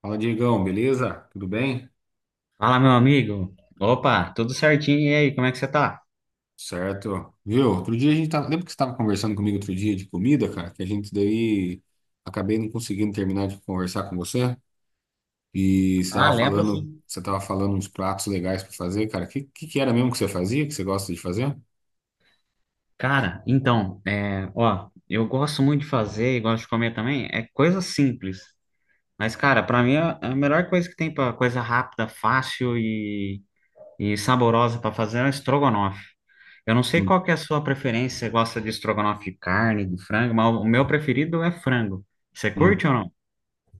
Fala, Diegão, beleza? Tudo bem? Fala, meu amigo. Opa, tudo certinho? E aí, como é que você tá? Certo. Viu? Outro dia a gente tava. Lembra que você estava conversando comigo outro dia de comida, cara? Que a gente daí acabei não conseguindo terminar de conversar com você. E você Ah, tava lembro falando, sim. Uns pratos legais para fazer, cara. O que era mesmo que você fazia, que você gosta de fazer? Cara, então, ó, eu gosto muito de fazer e gosto de comer também, é coisa simples. Mas, cara, pra mim a melhor coisa que tem pra coisa rápida, fácil e saborosa pra fazer é o estrogonofe. Eu não sei Hum, qual que é a sua preferência, você gosta de estrogonofe de carne, de frango, mas o meu preferido é frango. Você hum. curte ou não?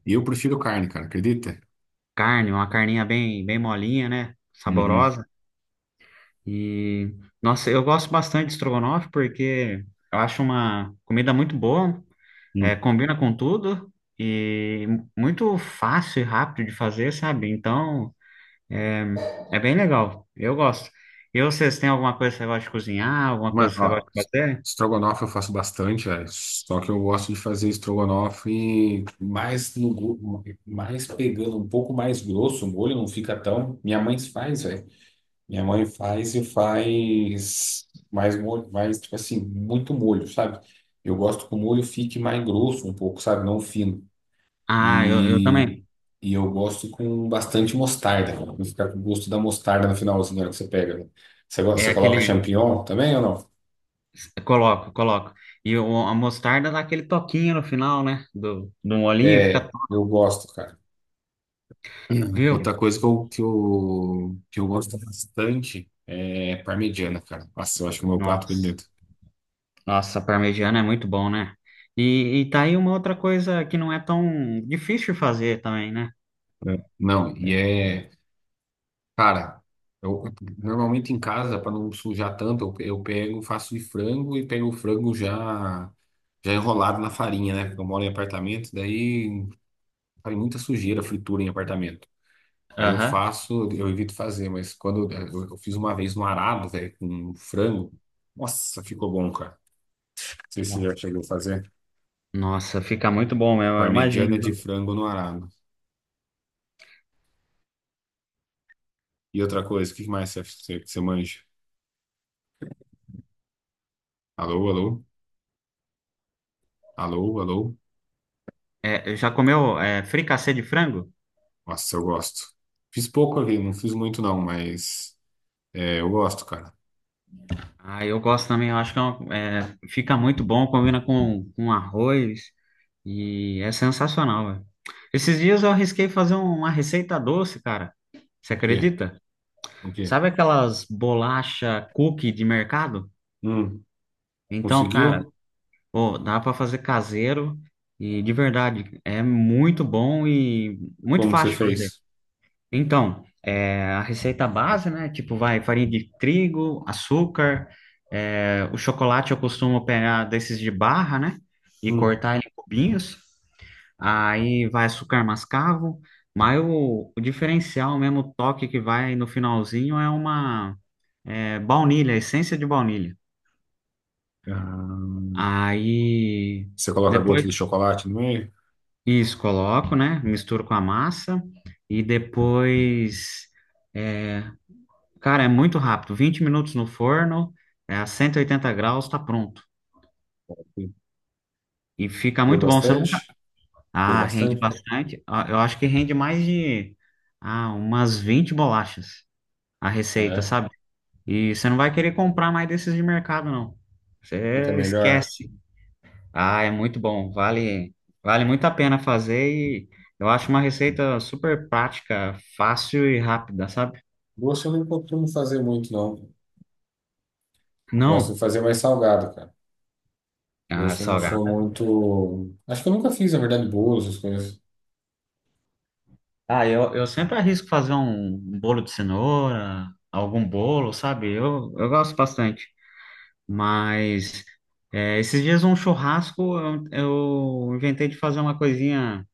E eu prefiro carne, cara, acredita? Carne, uma carninha bem, bem molinha, né? Uhum. Saborosa. E, nossa, eu gosto bastante de estrogonofe porque eu acho uma comida muito boa, Hum. combina com tudo e muito fácil e rápido de fazer, sabe? Então, é, é bem legal. Eu gosto. E vocês têm alguma coisa que você gosta de cozinhar, alguma Mano, coisa que você ó, gosta de fazer? estrogonofe eu faço bastante, é, só que eu gosto de fazer estrogonofe mais no, go- mais pegando um pouco mais grosso, o molho não fica tão. Minha mãe faz, velho. Minha mãe faz e faz mais molho, mais, tipo assim, muito molho, sabe? Eu gosto que o molho fique mais grosso um pouco, sabe? Não fino. Ah, eu E, também. e eu gosto com bastante mostarda, pra ficar com o gosto da mostarda no finalzinho, na hora que você pega, né? Você, É você coloca aquele. champignon também ou não? Coloco, coloco. E a mostarda dá aquele toquinho no final, né? Do molhinho, fica É, top. eu gosto, cara. Viu? Outra coisa que eu gosto bastante é parmegiana, cara. Nossa, eu acho que é o meu prato Nossa. predileto. Nossa, parmegiana é muito bom, né? E tá aí uma outra coisa que não é tão difícil de fazer também, né? É. Não, e é, cara, eu normalmente em casa, para não sujar tanto, eu pego, faço de frango e pego o frango já enrolado na farinha, né? Porque eu moro em apartamento, daí faz muita sujeira, fritura em apartamento. Aí eu Aham. faço, eu evito fazer, mas quando eu fiz uma vez no arado, velho, com frango, nossa, ficou bom, cara. Sei se você Bom. já chegou a fazer. Nossa, fica muito bom mesmo, eu Parmegiana de imagino. frango no arado. E outra coisa, o que mais você manja? Alô, alô? Alô, alô? Já comeu fricassê de frango? Nossa, eu gosto. Fiz pouco aqui, não fiz muito não, mas é, eu gosto, cara. Ah, eu gosto também, eu acho que é fica muito bom, combina com arroz e é sensacional, velho. Esses dias eu arrisquei fazer uma receita doce, cara. Você O quê? acredita? O quê? Sabe aquelas bolacha cookie de mercado? Hum, Então, cara, conseguiu? pô, dá para fazer caseiro e de verdade é muito bom e muito Como que você fácil de fazer. fez? Então, a receita base, né? Tipo, vai farinha de trigo, açúcar, o chocolate eu costumo pegar desses de barra, né? E Hum. cortar em cubinhos. Aí vai açúcar mascavo. Mas o diferencial mesmo, o toque que vai no finalzinho é uma é, baunilha, essência de baunilha. Ah, Aí. você coloca gota Depois de chocolate no meio? isso, coloco, né? Misturo com a massa e depois, é, cara, é muito rápido. 20 minutos no forno, a 180 graus, tá pronto. E fica Deu muito bom. Você nunca. bastante? Deu Ah, rende bastante? bastante. Ah, eu acho que rende mais de umas 20 bolachas a receita, É, sabe? E você não vai querer comprar mais desses de mercado, não. fica Você melhor. esquece. Ah, é muito bom. Vale, vale muito a pena fazer e eu acho uma receita super prática, fácil e rápida, sabe? Gosto eu não costumo fazer muito, não. Gosto de Não, fazer mais salgado, cara. Doce eu não sou salgado. muito. Acho que eu nunca fiz, na verdade, bolos, essas coisas. Ah, eu sempre arrisco fazer um bolo de cenoura, algum bolo, sabe? Eu gosto bastante. Mas esses dias um churrasco eu inventei de fazer uma coisinha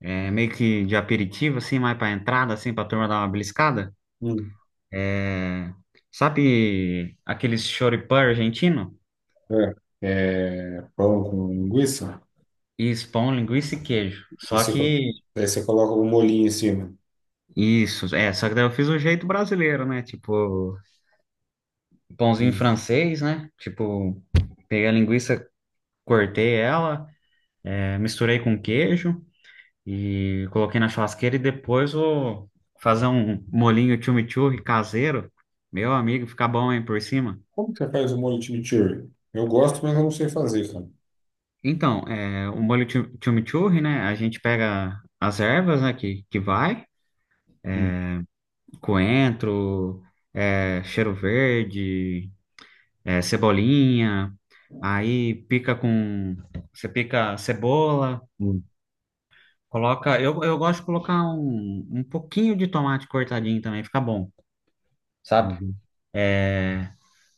meio que de aperitivo, assim, mais para entrada, assim, para turma dar uma beliscada. Hum. É, sabe aqueles choripã argentino? É, é, pão com linguiça. Isso, pão, linguiça e queijo. E Só você, que daí você coloca um molhinho em cima. isso, é, só que daí eu fiz o jeito brasileiro, né? Tipo, pãozinho Hum. francês, né? Tipo, peguei a linguiça, cortei ela, misturei com queijo e coloquei na churrasqueira e depois vou fazer um molinho chimichurri caseiro. Meu amigo, fica bom, hein, por cima. Como que você faz o molho chimichurri? Eu gosto, mas eu não sei fazer, cara. Então, o molho chimichurri, né? A gente pega as ervas, né, que vai. Hum, Coentro, cheiro verde, cebolinha. Aí pica com. Você pica cebola, hum, coloca. Eu gosto de colocar um pouquinho de tomate cortadinho também, fica bom, sabe? uhum.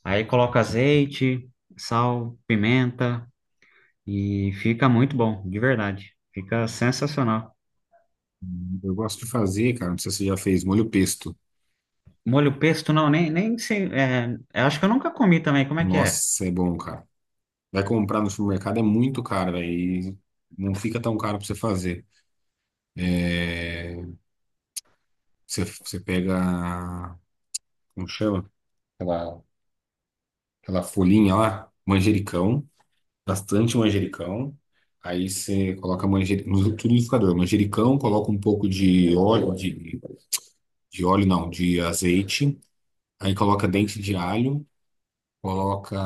Aí coloca azeite, sal, pimenta e fica muito bom, de verdade. Fica sensacional. Eu gosto de fazer, cara. Não sei se você já fez molho pesto. Molho pesto, não, nem sei. Eu acho que eu nunca comi também. Como é que é? Nossa, é bom, cara. Vai comprar no supermercado é muito caro, velho. E não fica tão caro pra você fazer. É, você, você pega. Como chama? Aquela folhinha lá, manjericão, bastante manjericão. Aí você coloca manjericão no liquidificador, manjericão, coloca um pouco de óleo não, de azeite. Aí coloca dente de alho, coloca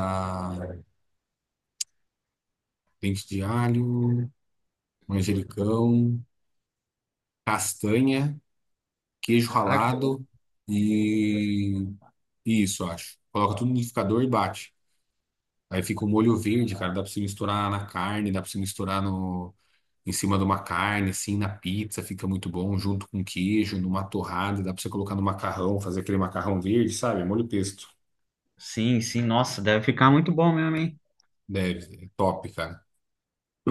dente de alho, manjericão, castanha, queijo Ah, que- ralado e e isso, eu acho. Coloca tudo no liquidificador e bate. Aí fica o molho verde, cara, dá pra você misturar na carne, dá pra você misturar no em cima de uma carne, assim, na pizza, fica muito bom, junto com queijo, numa torrada, dá pra você colocar no macarrão, fazer aquele macarrão verde, sabe? Molho pesto. Sim, sim, nossa, deve ficar muito bom mesmo, hein? Deve, é top, cara.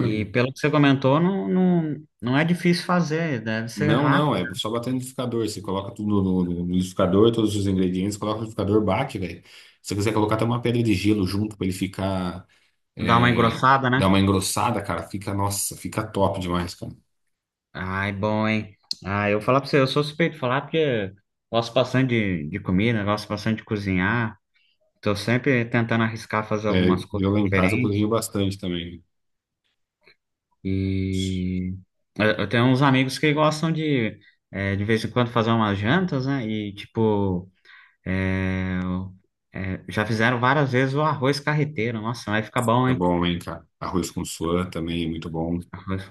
E pelo que você comentou, não, não, não é difícil fazer, deve ser Não, não, rápido. é só bater no liquidificador. Você coloca tudo no liquidificador, todos os ingredientes, coloca no liquidificador, bate, velho. Se você quiser colocar até uma pedra de gelo junto pra ele ficar, Dar uma é, engrossada, dar né? uma engrossada, cara, fica, nossa, fica top demais, cara. Ai, bom, hein? Ah, eu vou falar pra você, eu sou suspeito de falar porque gosto bastante de comida, gosto bastante de cozinhar. Tô sempre tentando arriscar fazer É, algumas coisas eu lá em casa eu diferentes. cozinho bastante também. E eu tenho uns amigos que gostam de vez em quando, fazer umas jantas, né? E, tipo, já fizeram várias vezes o arroz carreteiro. Nossa, vai ficar bom, Tá hein? bom, hein, cara? Arroz com suã também é muito bom.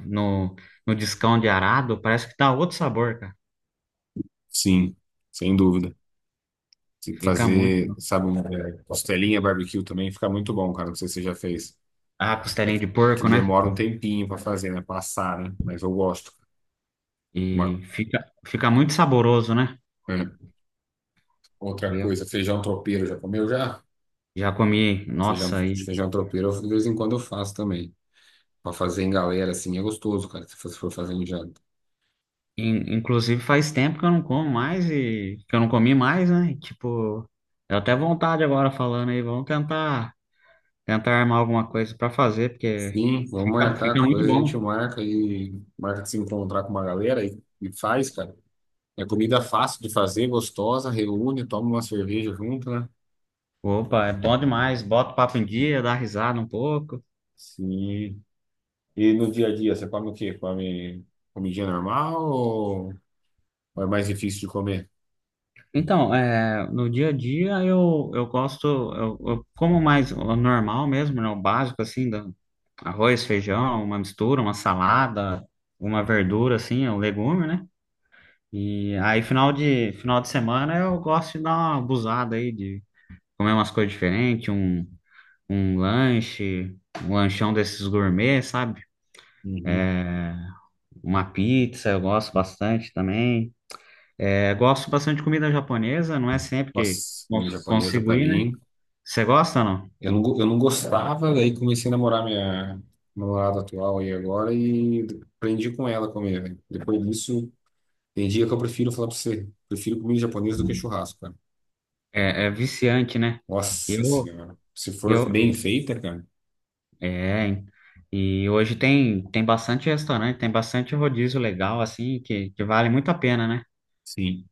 No, no discão de arado, parece que dá outro sabor, cara. Sim, sem dúvida. Se Fica muito fazer, bom. sabe, um, é, costelinha barbecue também fica muito bom, cara. Não sei se você já fez. Ah, É que, costelinha de é que porco, né? demora um tempinho pra fazer, né? Passar, né? Mas eu gosto. Uma, E fica muito saboroso, né? é, outra Eu coisa, feijão tropeiro, já comeu já? já comi, Feijão, nossa, e, feijão tropeiro, eu- de vez em quando eu faço também. Pra fazer em galera, assim, é gostoso, cara, se você for fazer em janta. Inclusive faz tempo que eu não como mais e que eu não comi mais, né? E, tipo, deu até vontade agora falando aí, vamos tentar armar alguma coisa pra fazer, porque Sim, vamos fica, marcar, fica muito depois a gente bom. marca e marca de se encontrar com uma galera e faz, cara. É comida fácil de fazer, gostosa, reúne, toma uma cerveja junto, né? Opa, é bom demais, bota o papo em dia, dá risada um pouco. Sim. E no dia a dia, você come o quê? Come comidinha normal ou é mais difícil de comer? Então, no dia a dia eu gosto, eu como mais o normal mesmo, né, o básico assim, arroz, feijão, uma mistura, uma salada, uma verdura assim, um legume, né? E aí final de semana eu gosto de dar uma abusada aí de comer umas coisas diferentes, um, lanche, um lanchão desses gourmet, sabe? Uhum. Uma pizza, eu gosto bastante também. É, gosto bastante de comida japonesa, não é sempre que Nossa, comida japonesa consigo pra ir, né? mim. Você gosta ou não? Eu não, eu não gostava, daí comecei a namorar minha namorada atual aí agora e aprendi com ela a comer, velho. Depois disso, tem dia que eu prefiro falar pra você, prefiro comida japonesa do que churrasco, cara. É, é viciante, né? Nossa Eu, senhora. Se for eu, bem feita, cara. é. E hoje tem, bastante restaurante, tem bastante rodízio legal, assim, que vale muito a pena, né? Sim.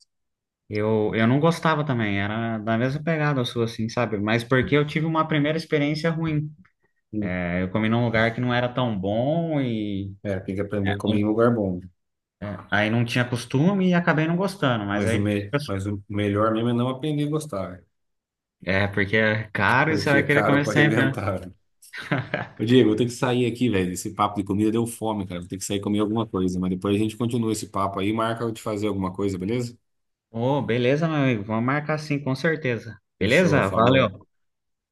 Eu não gostava também, era da mesma pegada sua, assim, sabe? Mas porque eu tive uma primeira experiência ruim. É, eu comi num lugar que não era tão bom e É, tem que aprender a comer em lugar bom. Aí não tinha costume e acabei não gostando, mas Mas o, aí. me... Mas o melhor mesmo é não aprender a gostar, É, porque é caro e você porque é vai querer caro comer pra sempre, né? arrebentar. Ô, Diego, eu tenho que sair aqui, velho. Esse papo de comida deu fome, cara. Vou ter que sair e comer alguma coisa. Mas depois a gente continua esse papo aí e marca eu te fazer alguma coisa, beleza? Ô, beleza, meu amigo, vamos marcar sim, com certeza. Fechou, Beleza? Valeu. falou.